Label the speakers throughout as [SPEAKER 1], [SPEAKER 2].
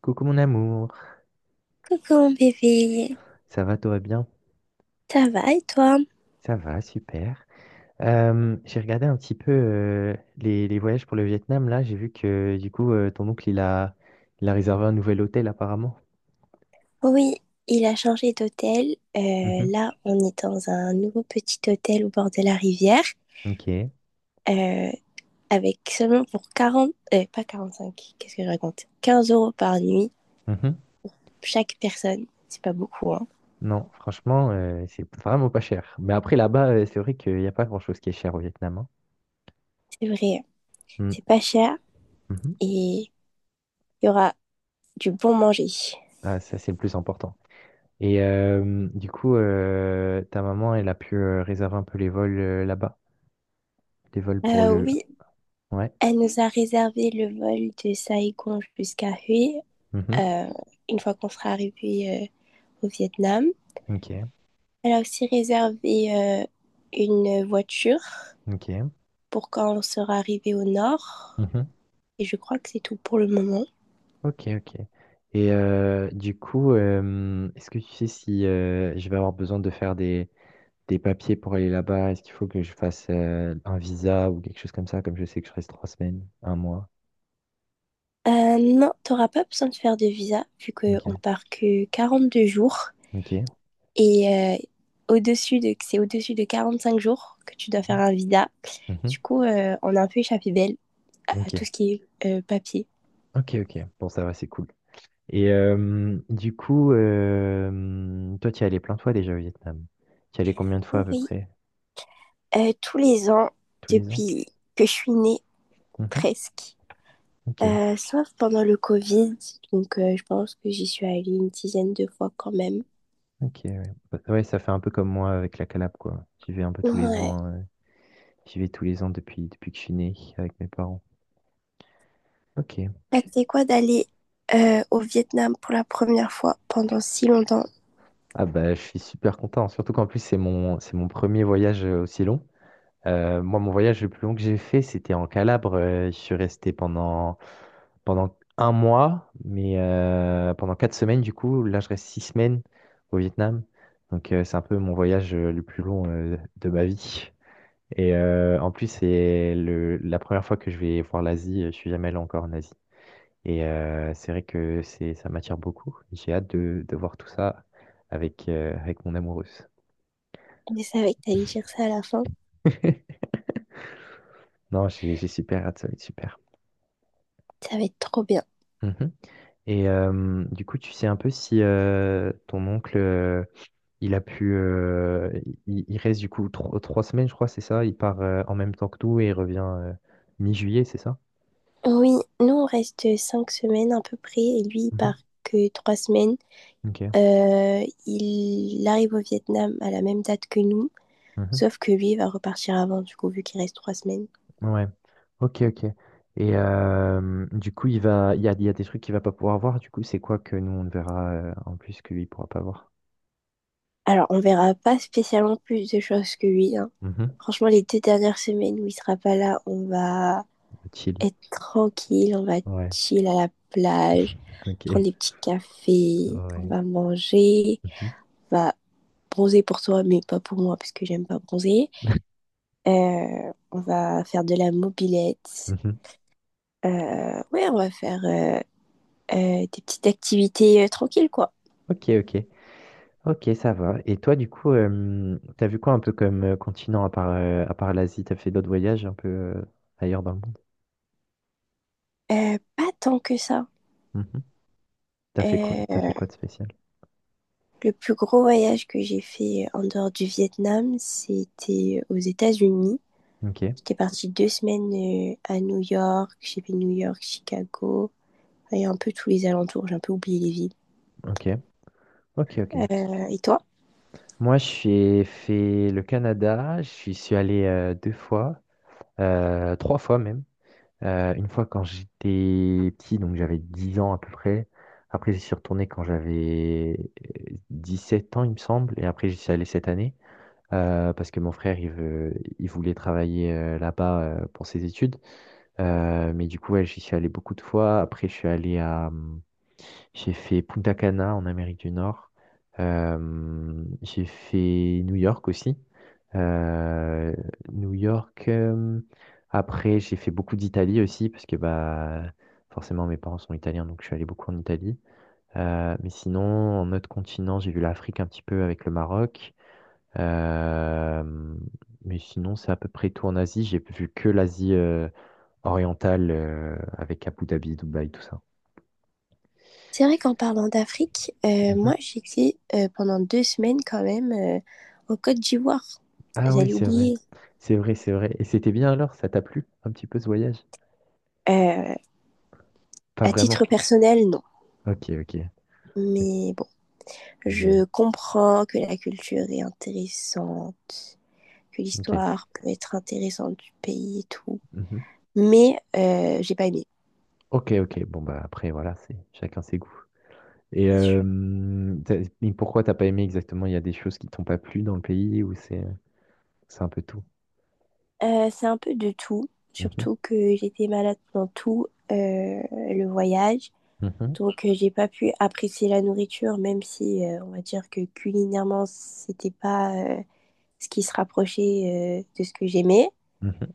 [SPEAKER 1] Coucou mon amour,
[SPEAKER 2] Coucou mon bébé,
[SPEAKER 1] ça va, tout va bien?
[SPEAKER 2] ça va et toi?
[SPEAKER 1] Ça va, super. J'ai regardé un petit peu les voyages pour le Vietnam, là, j'ai vu que du coup ton oncle il a réservé un nouvel hôtel apparemment.
[SPEAKER 2] Oui, il a changé d'hôtel. Euh,
[SPEAKER 1] Mhm.
[SPEAKER 2] là, on est dans un nouveau petit hôtel au bord de la rivière,
[SPEAKER 1] Ok.
[SPEAKER 2] euh, avec seulement pour 40, pas cinq, qu'est-ce que je raconte? 15 € par nuit,
[SPEAKER 1] Mhm.
[SPEAKER 2] chaque personne. C'est pas beaucoup, hein.
[SPEAKER 1] Non, franchement, c'est vraiment pas cher. Mais après là-bas, c'est vrai qu'il n'y a pas grand-chose qui est cher au Vietnam, hein.
[SPEAKER 2] C'est vrai,
[SPEAKER 1] Mm.
[SPEAKER 2] c'est pas cher
[SPEAKER 1] Mhm.
[SPEAKER 2] et il y aura du bon manger.
[SPEAKER 1] Ah, ça, c'est le plus important. Et du coup, ta maman, elle a pu réserver un peu les vols là-bas, les vols pour le...
[SPEAKER 2] Oui,
[SPEAKER 1] Ouais.
[SPEAKER 2] elle nous a réservé le vol de Saigon jusqu'à Hue,
[SPEAKER 1] Mhm.
[SPEAKER 2] euh, une fois qu'on sera arrivé au Vietnam.
[SPEAKER 1] Ok.
[SPEAKER 2] Elle a aussi réservé une voiture
[SPEAKER 1] OK.
[SPEAKER 2] pour quand on sera arrivé au nord.
[SPEAKER 1] Mhm.
[SPEAKER 2] Et je crois que c'est tout pour le moment.
[SPEAKER 1] OK, OK. Et du coup, est-ce que tu sais si je vais avoir besoin de faire des papiers pour aller là-bas? Est-ce qu'il faut que je fasse un visa ou quelque chose comme ça, comme je sais que je reste 3 semaines, un mois?
[SPEAKER 2] Non, t'auras pas besoin de faire de visa vu qu'on
[SPEAKER 1] OK,
[SPEAKER 2] part que 42 jours.
[SPEAKER 1] OK.
[SPEAKER 2] Et c'est au-dessus de 45 jours que tu dois faire
[SPEAKER 1] Mhm.
[SPEAKER 2] un visa.
[SPEAKER 1] Mhm.
[SPEAKER 2] Du coup, on a un peu échappé belle à
[SPEAKER 1] OK,
[SPEAKER 2] tout ce qui est papier.
[SPEAKER 1] OK, OK. Bon, ça va, c'est cool. Et du coup, toi, tu y es allé plein de fois déjà au Vietnam. Tu y es allé combien de fois à peu
[SPEAKER 2] Oui,
[SPEAKER 1] près?
[SPEAKER 2] tous les ans,
[SPEAKER 1] Tous les ans?
[SPEAKER 2] depuis que je suis née,
[SPEAKER 1] Mhm.
[SPEAKER 2] presque.
[SPEAKER 1] OK.
[SPEAKER 2] Sauf pendant le Covid, donc je pense que j'y suis allée une dizaine de fois quand même.
[SPEAKER 1] Ok, ouais. Bah, ouais, ça fait un peu comme moi avec la Calabre, quoi. J'y vais un peu tous les
[SPEAKER 2] Ouais.
[SPEAKER 1] ans. J'y vais tous les ans depuis que je suis né avec mes parents. Ok.
[SPEAKER 2] Ça, c'était quoi d'aller au Vietnam pour la première fois pendant si longtemps?
[SPEAKER 1] Ah bah, je suis super content, surtout qu'en plus, c'est mon premier voyage aussi long. Moi, mon voyage le plus long que j'ai fait, c'était en Calabre. Je suis resté pendant un mois, mais pendant 4 semaines, du coup. Là, je reste 6 semaines au Vietnam. Donc, c'est un peu mon voyage le plus long de ma vie. Et en plus, c'est la première fois que je vais voir l'Asie. Je suis jamais allé encore en Asie. Et c'est vrai que ça m'attire beaucoup. J'ai hâte de voir tout ça avec mon amoureuse.
[SPEAKER 2] Je savais que t'allais dire ça à la fin.
[SPEAKER 1] Non, j'ai super hâte, ça va être super.
[SPEAKER 2] Ça va être trop bien.
[SPEAKER 1] Mhm. Et du coup, tu sais un peu si ton oncle, il a pu, il reste du coup 3 semaines, je crois, c'est ça? Il part en même temps que nous et il revient mi-juillet, c'est ça?
[SPEAKER 2] Oui, nous on reste 5 semaines à peu près et lui il part
[SPEAKER 1] Mhm.
[SPEAKER 2] que 3 semaines.
[SPEAKER 1] Ok.
[SPEAKER 2] Il arrive au Vietnam à la même date que nous,
[SPEAKER 1] Mhm.
[SPEAKER 2] sauf que lui il va repartir avant du coup vu qu'il reste 3 semaines.
[SPEAKER 1] Ouais. Ok, ok. Et du coup, il va, il y a des trucs qu'il va pas pouvoir voir. Du coup, c'est quoi que nous, on ne verra en plus que lui, il pourra pas voir?
[SPEAKER 2] Alors, on verra pas spécialement plus de choses que lui, hein.
[SPEAKER 1] Mhm.
[SPEAKER 2] Franchement, les 2 dernières semaines où il sera pas là, on va
[SPEAKER 1] Chill.
[SPEAKER 2] être tranquille, on va
[SPEAKER 1] Ouais.
[SPEAKER 2] chill à la plage,
[SPEAKER 1] Ok.
[SPEAKER 2] prendre des petits cafés, on
[SPEAKER 1] Ouais.
[SPEAKER 2] va manger,
[SPEAKER 1] Mhm.
[SPEAKER 2] on va bronzer pour toi, mais pas pour moi, parce que j'aime pas bronzer. On va faire de la mobilette.
[SPEAKER 1] Mhm.
[SPEAKER 2] Ouais, on va faire des petites activités tranquilles, quoi.
[SPEAKER 1] Ok, ok. Ok, ça va. Et toi, du coup, t'as vu quoi un peu comme continent à part l'Asie? T'as fait d'autres voyages un peu ailleurs dans le monde?
[SPEAKER 2] Pas tant que ça.
[SPEAKER 1] Mhm. T'as fait quoi, t'as
[SPEAKER 2] Euh,
[SPEAKER 1] fait quoi de spécial?
[SPEAKER 2] Le plus gros voyage que j'ai fait en dehors du Vietnam, c'était aux États-Unis.
[SPEAKER 1] Ok,
[SPEAKER 2] J'étais partie 2 semaines à New York. J'ai fait New York, Chicago et un peu tous les alentours. J'ai un peu oublié les villes.
[SPEAKER 1] ok, ok, ok.
[SPEAKER 2] Et toi?
[SPEAKER 1] Moi, je suis fait le Canada. Je suis allé deux fois. Trois fois même. Une fois quand j'étais petit, donc j'avais 10 ans à peu près. Après, j'y suis retourné quand j'avais 7 ans, il me semble. Et après, j'y suis allé cette année parce que mon frère, il voulait travailler là-bas pour ses études. Mais du coup, ouais, j'y suis allé beaucoup de fois. Après, je suis allé à... J'ai fait Punta Cana en Amérique du Nord. J'ai fait New York aussi. Euh, New York. Après, j'ai fait beaucoup d'Italie aussi, parce que bah, forcément, mes parents sont italiens, donc je suis allé beaucoup en Italie. Mais sinon, en autre continent, j'ai vu l'Afrique un petit peu avec le Maroc. Euh, mais sinon, c'est à peu près tout en Asie. J'ai vu que l'Asie orientale, avec Abu Dhabi, Dubaï, tout ça.
[SPEAKER 2] C'est vrai qu'en parlant d'Afrique,
[SPEAKER 1] Mhm.
[SPEAKER 2] moi j'étais pendant 2 semaines quand même en Côte d'Ivoire.
[SPEAKER 1] Ah oui,
[SPEAKER 2] J'allais
[SPEAKER 1] c'est vrai.
[SPEAKER 2] oublier.
[SPEAKER 1] C'est vrai, c'est vrai. Et c'était bien alors? Ça t'a plu un petit peu ce voyage?
[SPEAKER 2] Euh,
[SPEAKER 1] Pas
[SPEAKER 2] à titre
[SPEAKER 1] vraiment.
[SPEAKER 2] personnel, non.
[SPEAKER 1] Ok, ok.
[SPEAKER 2] Mais bon,
[SPEAKER 1] Ouais,
[SPEAKER 2] je comprends que la culture est intéressante, que
[SPEAKER 1] ok.
[SPEAKER 2] l'histoire peut être intéressante du pays et tout.
[SPEAKER 1] Mhm.
[SPEAKER 2] Mais j'ai pas aimé,
[SPEAKER 1] Ok, ok. Bon, bah après, voilà, c'est chacun ses goûts. Et,
[SPEAKER 2] c'est sûr.
[SPEAKER 1] euh, t'as- et pourquoi t'as pas aimé exactement? Il y a des choses qui t'ont pas plu dans le pays ou c'est un peu tout?
[SPEAKER 2] C'est un peu de tout,
[SPEAKER 1] Mhm.
[SPEAKER 2] surtout que j'étais malade pendant tout le voyage.
[SPEAKER 1] Mhm.
[SPEAKER 2] Donc j'ai pas pu apprécier la nourriture, même si on va dire que culinairement c'était pas ce qui se rapprochait de ce que j'aimais.
[SPEAKER 1] Mhm.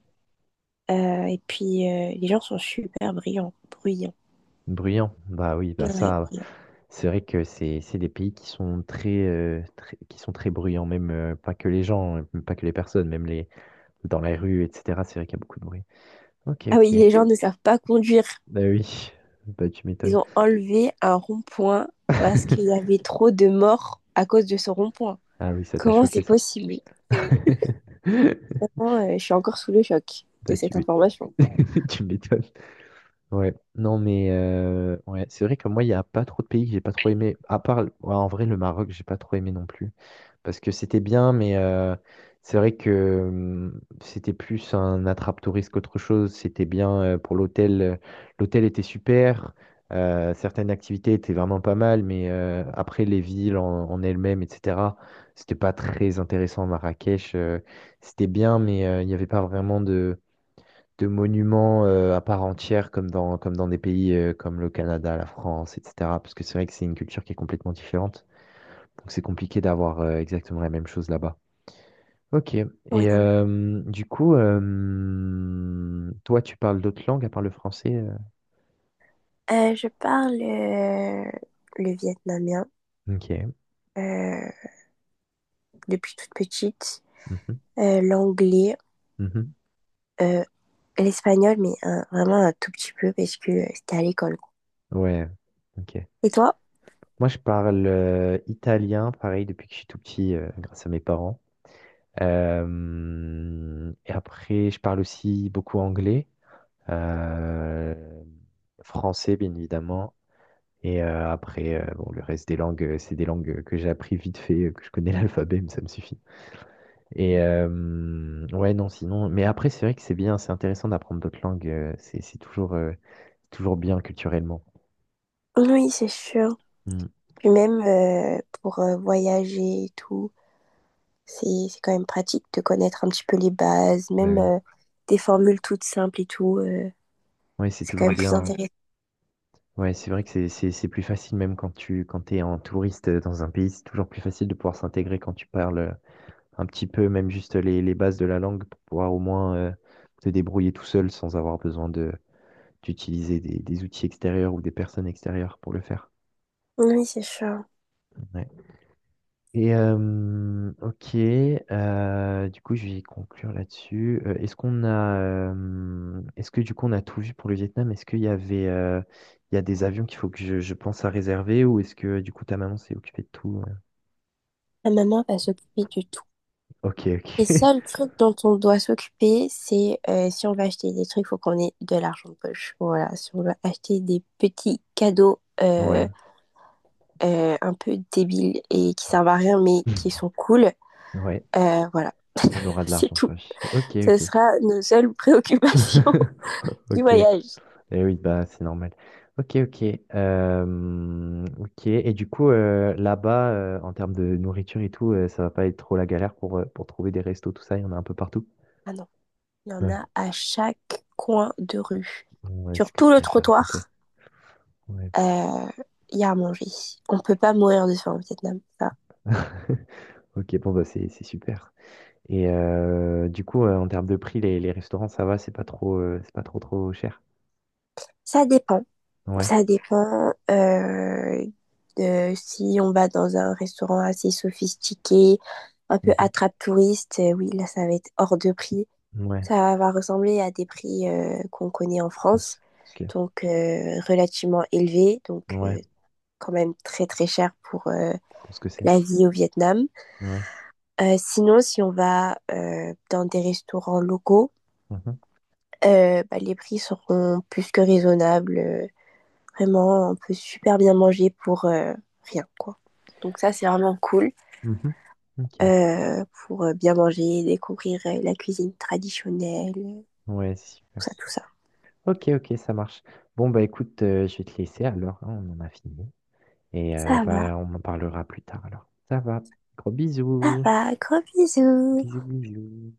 [SPEAKER 2] Et puis les gens sont super bruyants.
[SPEAKER 1] Bruyant. Bah oui, bah
[SPEAKER 2] Ouais,
[SPEAKER 1] ça.
[SPEAKER 2] bruyants.
[SPEAKER 1] C'est vrai que c'est des pays qui sont très, très, qui sont très bruyants, même, pas que les gens, même pas que les personnes, même les dans la rue et cetera, c'est vrai qu'il y a beaucoup de bruit. OK,
[SPEAKER 2] Ah oui,
[SPEAKER 1] OK.
[SPEAKER 2] les gens ne savent pas conduire.
[SPEAKER 1] Bah, oui, bah, tu
[SPEAKER 2] Ils
[SPEAKER 1] m'étonnes.
[SPEAKER 2] ont enlevé un rond-point parce qu'il y avait trop de morts à cause de ce rond-point.
[SPEAKER 1] Ah oui, ça t'a
[SPEAKER 2] Comment c'est
[SPEAKER 1] choqué ça.
[SPEAKER 2] possible? Vraiment, je suis encore sous le choc de
[SPEAKER 1] Bah, tu
[SPEAKER 2] cette
[SPEAKER 1] m'é
[SPEAKER 2] information.
[SPEAKER 1] tu m'étonnes. Ouais, non mais, ouais, c'est vrai que moi, il y a pas trop de pays que j'ai pas trop aimé, à part, ouais, en vrai, le Maroc, j'ai pas trop aimé non plus. Parce que c'était bien, mais c'est vrai que c'était plus un attrape-touriste qu'autre chose. C'était bien pour l'hôtel. L'hôtel était super. Certaines activités étaient vraiment pas mal, mais après les villes en elles-mêmes, etc., c'était pas très intéressant. Marrakech, c'était bien, mais il n'y avait pas vraiment de monuments à part entière comme dans des pays comme le Canada, la France, etc. Parce que c'est vrai que c'est une culture qui est complètement différente. Donc c'est compliqué d'avoir exactement la même chose là-bas. Ok. Et
[SPEAKER 2] Oui.
[SPEAKER 1] du coup, toi, tu parles d'autres langues à part le français?
[SPEAKER 2] Je parle le vietnamien
[SPEAKER 1] Ok.
[SPEAKER 2] euh, depuis toute petite,
[SPEAKER 1] Mhm,
[SPEAKER 2] l'anglais,
[SPEAKER 1] mhm.
[SPEAKER 2] euh, l'espagnol, mais vraiment un tout petit peu parce que c'était à l'école, quoi.
[SPEAKER 1] Ouais. Ok.
[SPEAKER 2] Et toi?
[SPEAKER 1] Moi, je parle italien, pareil, depuis que je suis tout petit, grâce à mes parents. Et après, je parle aussi beaucoup anglais, euh, français, bien évidemment. Et après, bon, le reste des langues, c'est des langues que j'ai appris vite fait, que je connais l'alphabet, mais ça me suffit. Et ouais, non, sinon mais après, c'est vrai que c'est bien, c'est intéressant d'apprendre d'autres langues, c'est toujours, toujours bien culturellement.
[SPEAKER 2] Oui, c'est sûr.
[SPEAKER 1] Mmh,
[SPEAKER 2] Puis même pour voyager et tout. C'est quand même pratique de connaître un petit peu les bases,
[SPEAKER 1] bah,
[SPEAKER 2] même
[SPEAKER 1] oui.
[SPEAKER 2] des formules toutes simples et tout. euh,
[SPEAKER 1] Ouais, c'est
[SPEAKER 2] c'est quand
[SPEAKER 1] toujours
[SPEAKER 2] même plus
[SPEAKER 1] bien.
[SPEAKER 2] intéressant.
[SPEAKER 1] Ouais, c'est vrai que c'est plus facile, même quand tu quand t'es es en touriste, dans un pays, c'est toujours plus facile de pouvoir s'intégrer quand tu parles, un petit peu, même juste les bases de la langue pour pouvoir au moins, te débrouiller tout seul sans avoir besoin de d'utiliser des outils extérieurs ou des personnes extérieures pour le faire.
[SPEAKER 2] Oui, c'est sûr.
[SPEAKER 1] Ouais. Et ok, du coup je vais conclure là-dessus. Est-ce que du coup on a tout vu pour le Vietnam? Est-ce qu'il y avait, il y a des avions qu'il faut que je pense à réserver ou est-ce que du coup ta maman s'est occupée de tout?
[SPEAKER 2] La maman va s'occuper de tout.
[SPEAKER 1] Ok, ok,
[SPEAKER 2] Les seuls trucs dont on doit s'occuper, c'est si on va acheter des trucs, il faut qu'on ait de l'argent de poche. Voilà, si on veut acheter des petits cadeaux
[SPEAKER 1] ouais,
[SPEAKER 2] un peu débiles et qui servent à rien, mais qui sont cool,
[SPEAKER 1] ouais,
[SPEAKER 2] voilà,
[SPEAKER 1] on aura de
[SPEAKER 2] c'est
[SPEAKER 1] l'argent de
[SPEAKER 2] tout.
[SPEAKER 1] poche. Ok,
[SPEAKER 2] Ce
[SPEAKER 1] ok,
[SPEAKER 2] sera nos seules préoccupations
[SPEAKER 1] ok,
[SPEAKER 2] du
[SPEAKER 1] ok.
[SPEAKER 2] voyage.
[SPEAKER 1] Eh oui, bah, c'est normal. Ok, ok. Ok. Et du coup, là-bas, en termes de nourriture et tout, ça va pas être trop la galère pour trouver des restos, tout ça, il y en a un peu partout.
[SPEAKER 2] Ah non. Il y en
[SPEAKER 1] Ouais,
[SPEAKER 2] a à chaque coin de rue.
[SPEAKER 1] ouais, c'est
[SPEAKER 2] Sur
[SPEAKER 1] ce que
[SPEAKER 2] tout
[SPEAKER 1] tu
[SPEAKER 2] le
[SPEAKER 1] m'as fait raconter.
[SPEAKER 2] trottoir,
[SPEAKER 1] Ouais.
[SPEAKER 2] euh, il y a à manger. On peut pas mourir de faim au Vietnam. Ça,
[SPEAKER 1] Ok, bon, bah, c'est super. Et du coup, en termes de prix, les restaurants, ça va, c'est pas trop, trop cher.
[SPEAKER 2] ça dépend.
[SPEAKER 1] Ouais.
[SPEAKER 2] Ça dépend de si on va dans un restaurant assez sophistiqué, un peu
[SPEAKER 1] Mhm,
[SPEAKER 2] attrape-touriste. Oui, là, ça va être hors de prix.
[SPEAKER 1] ouais,
[SPEAKER 2] Ça va ressembler à des prix qu'on connaît en
[SPEAKER 1] je
[SPEAKER 2] France,
[SPEAKER 1] pense. Ok.
[SPEAKER 2] donc relativement élevés,
[SPEAKER 1] Ouais,
[SPEAKER 2] quand même très très cher pour
[SPEAKER 1] je pense que c'est.
[SPEAKER 2] la vie au Vietnam.
[SPEAKER 1] Ouais.
[SPEAKER 2] Sinon, si on va dans des restaurants locaux,
[SPEAKER 1] Mhm,
[SPEAKER 2] bah, les prix seront plus que raisonnables. Vraiment, on peut super bien manger pour rien, quoi. Donc ça, c'est vraiment cool
[SPEAKER 1] mhm. Ok.
[SPEAKER 2] pour bien manger, découvrir la cuisine traditionnelle, tout
[SPEAKER 1] Ouais, c'est super.
[SPEAKER 2] ça, tout ça.
[SPEAKER 1] Ok, ok, ça marche. Bon, bah écoute, je vais te laisser alors, hein, on en a fini. Et
[SPEAKER 2] Ça va,
[SPEAKER 1] bah, on en parlera plus tard alors. Ça va. Gros
[SPEAKER 2] ça
[SPEAKER 1] bisous.
[SPEAKER 2] va, gros bisous.
[SPEAKER 1] Bisous, bisous.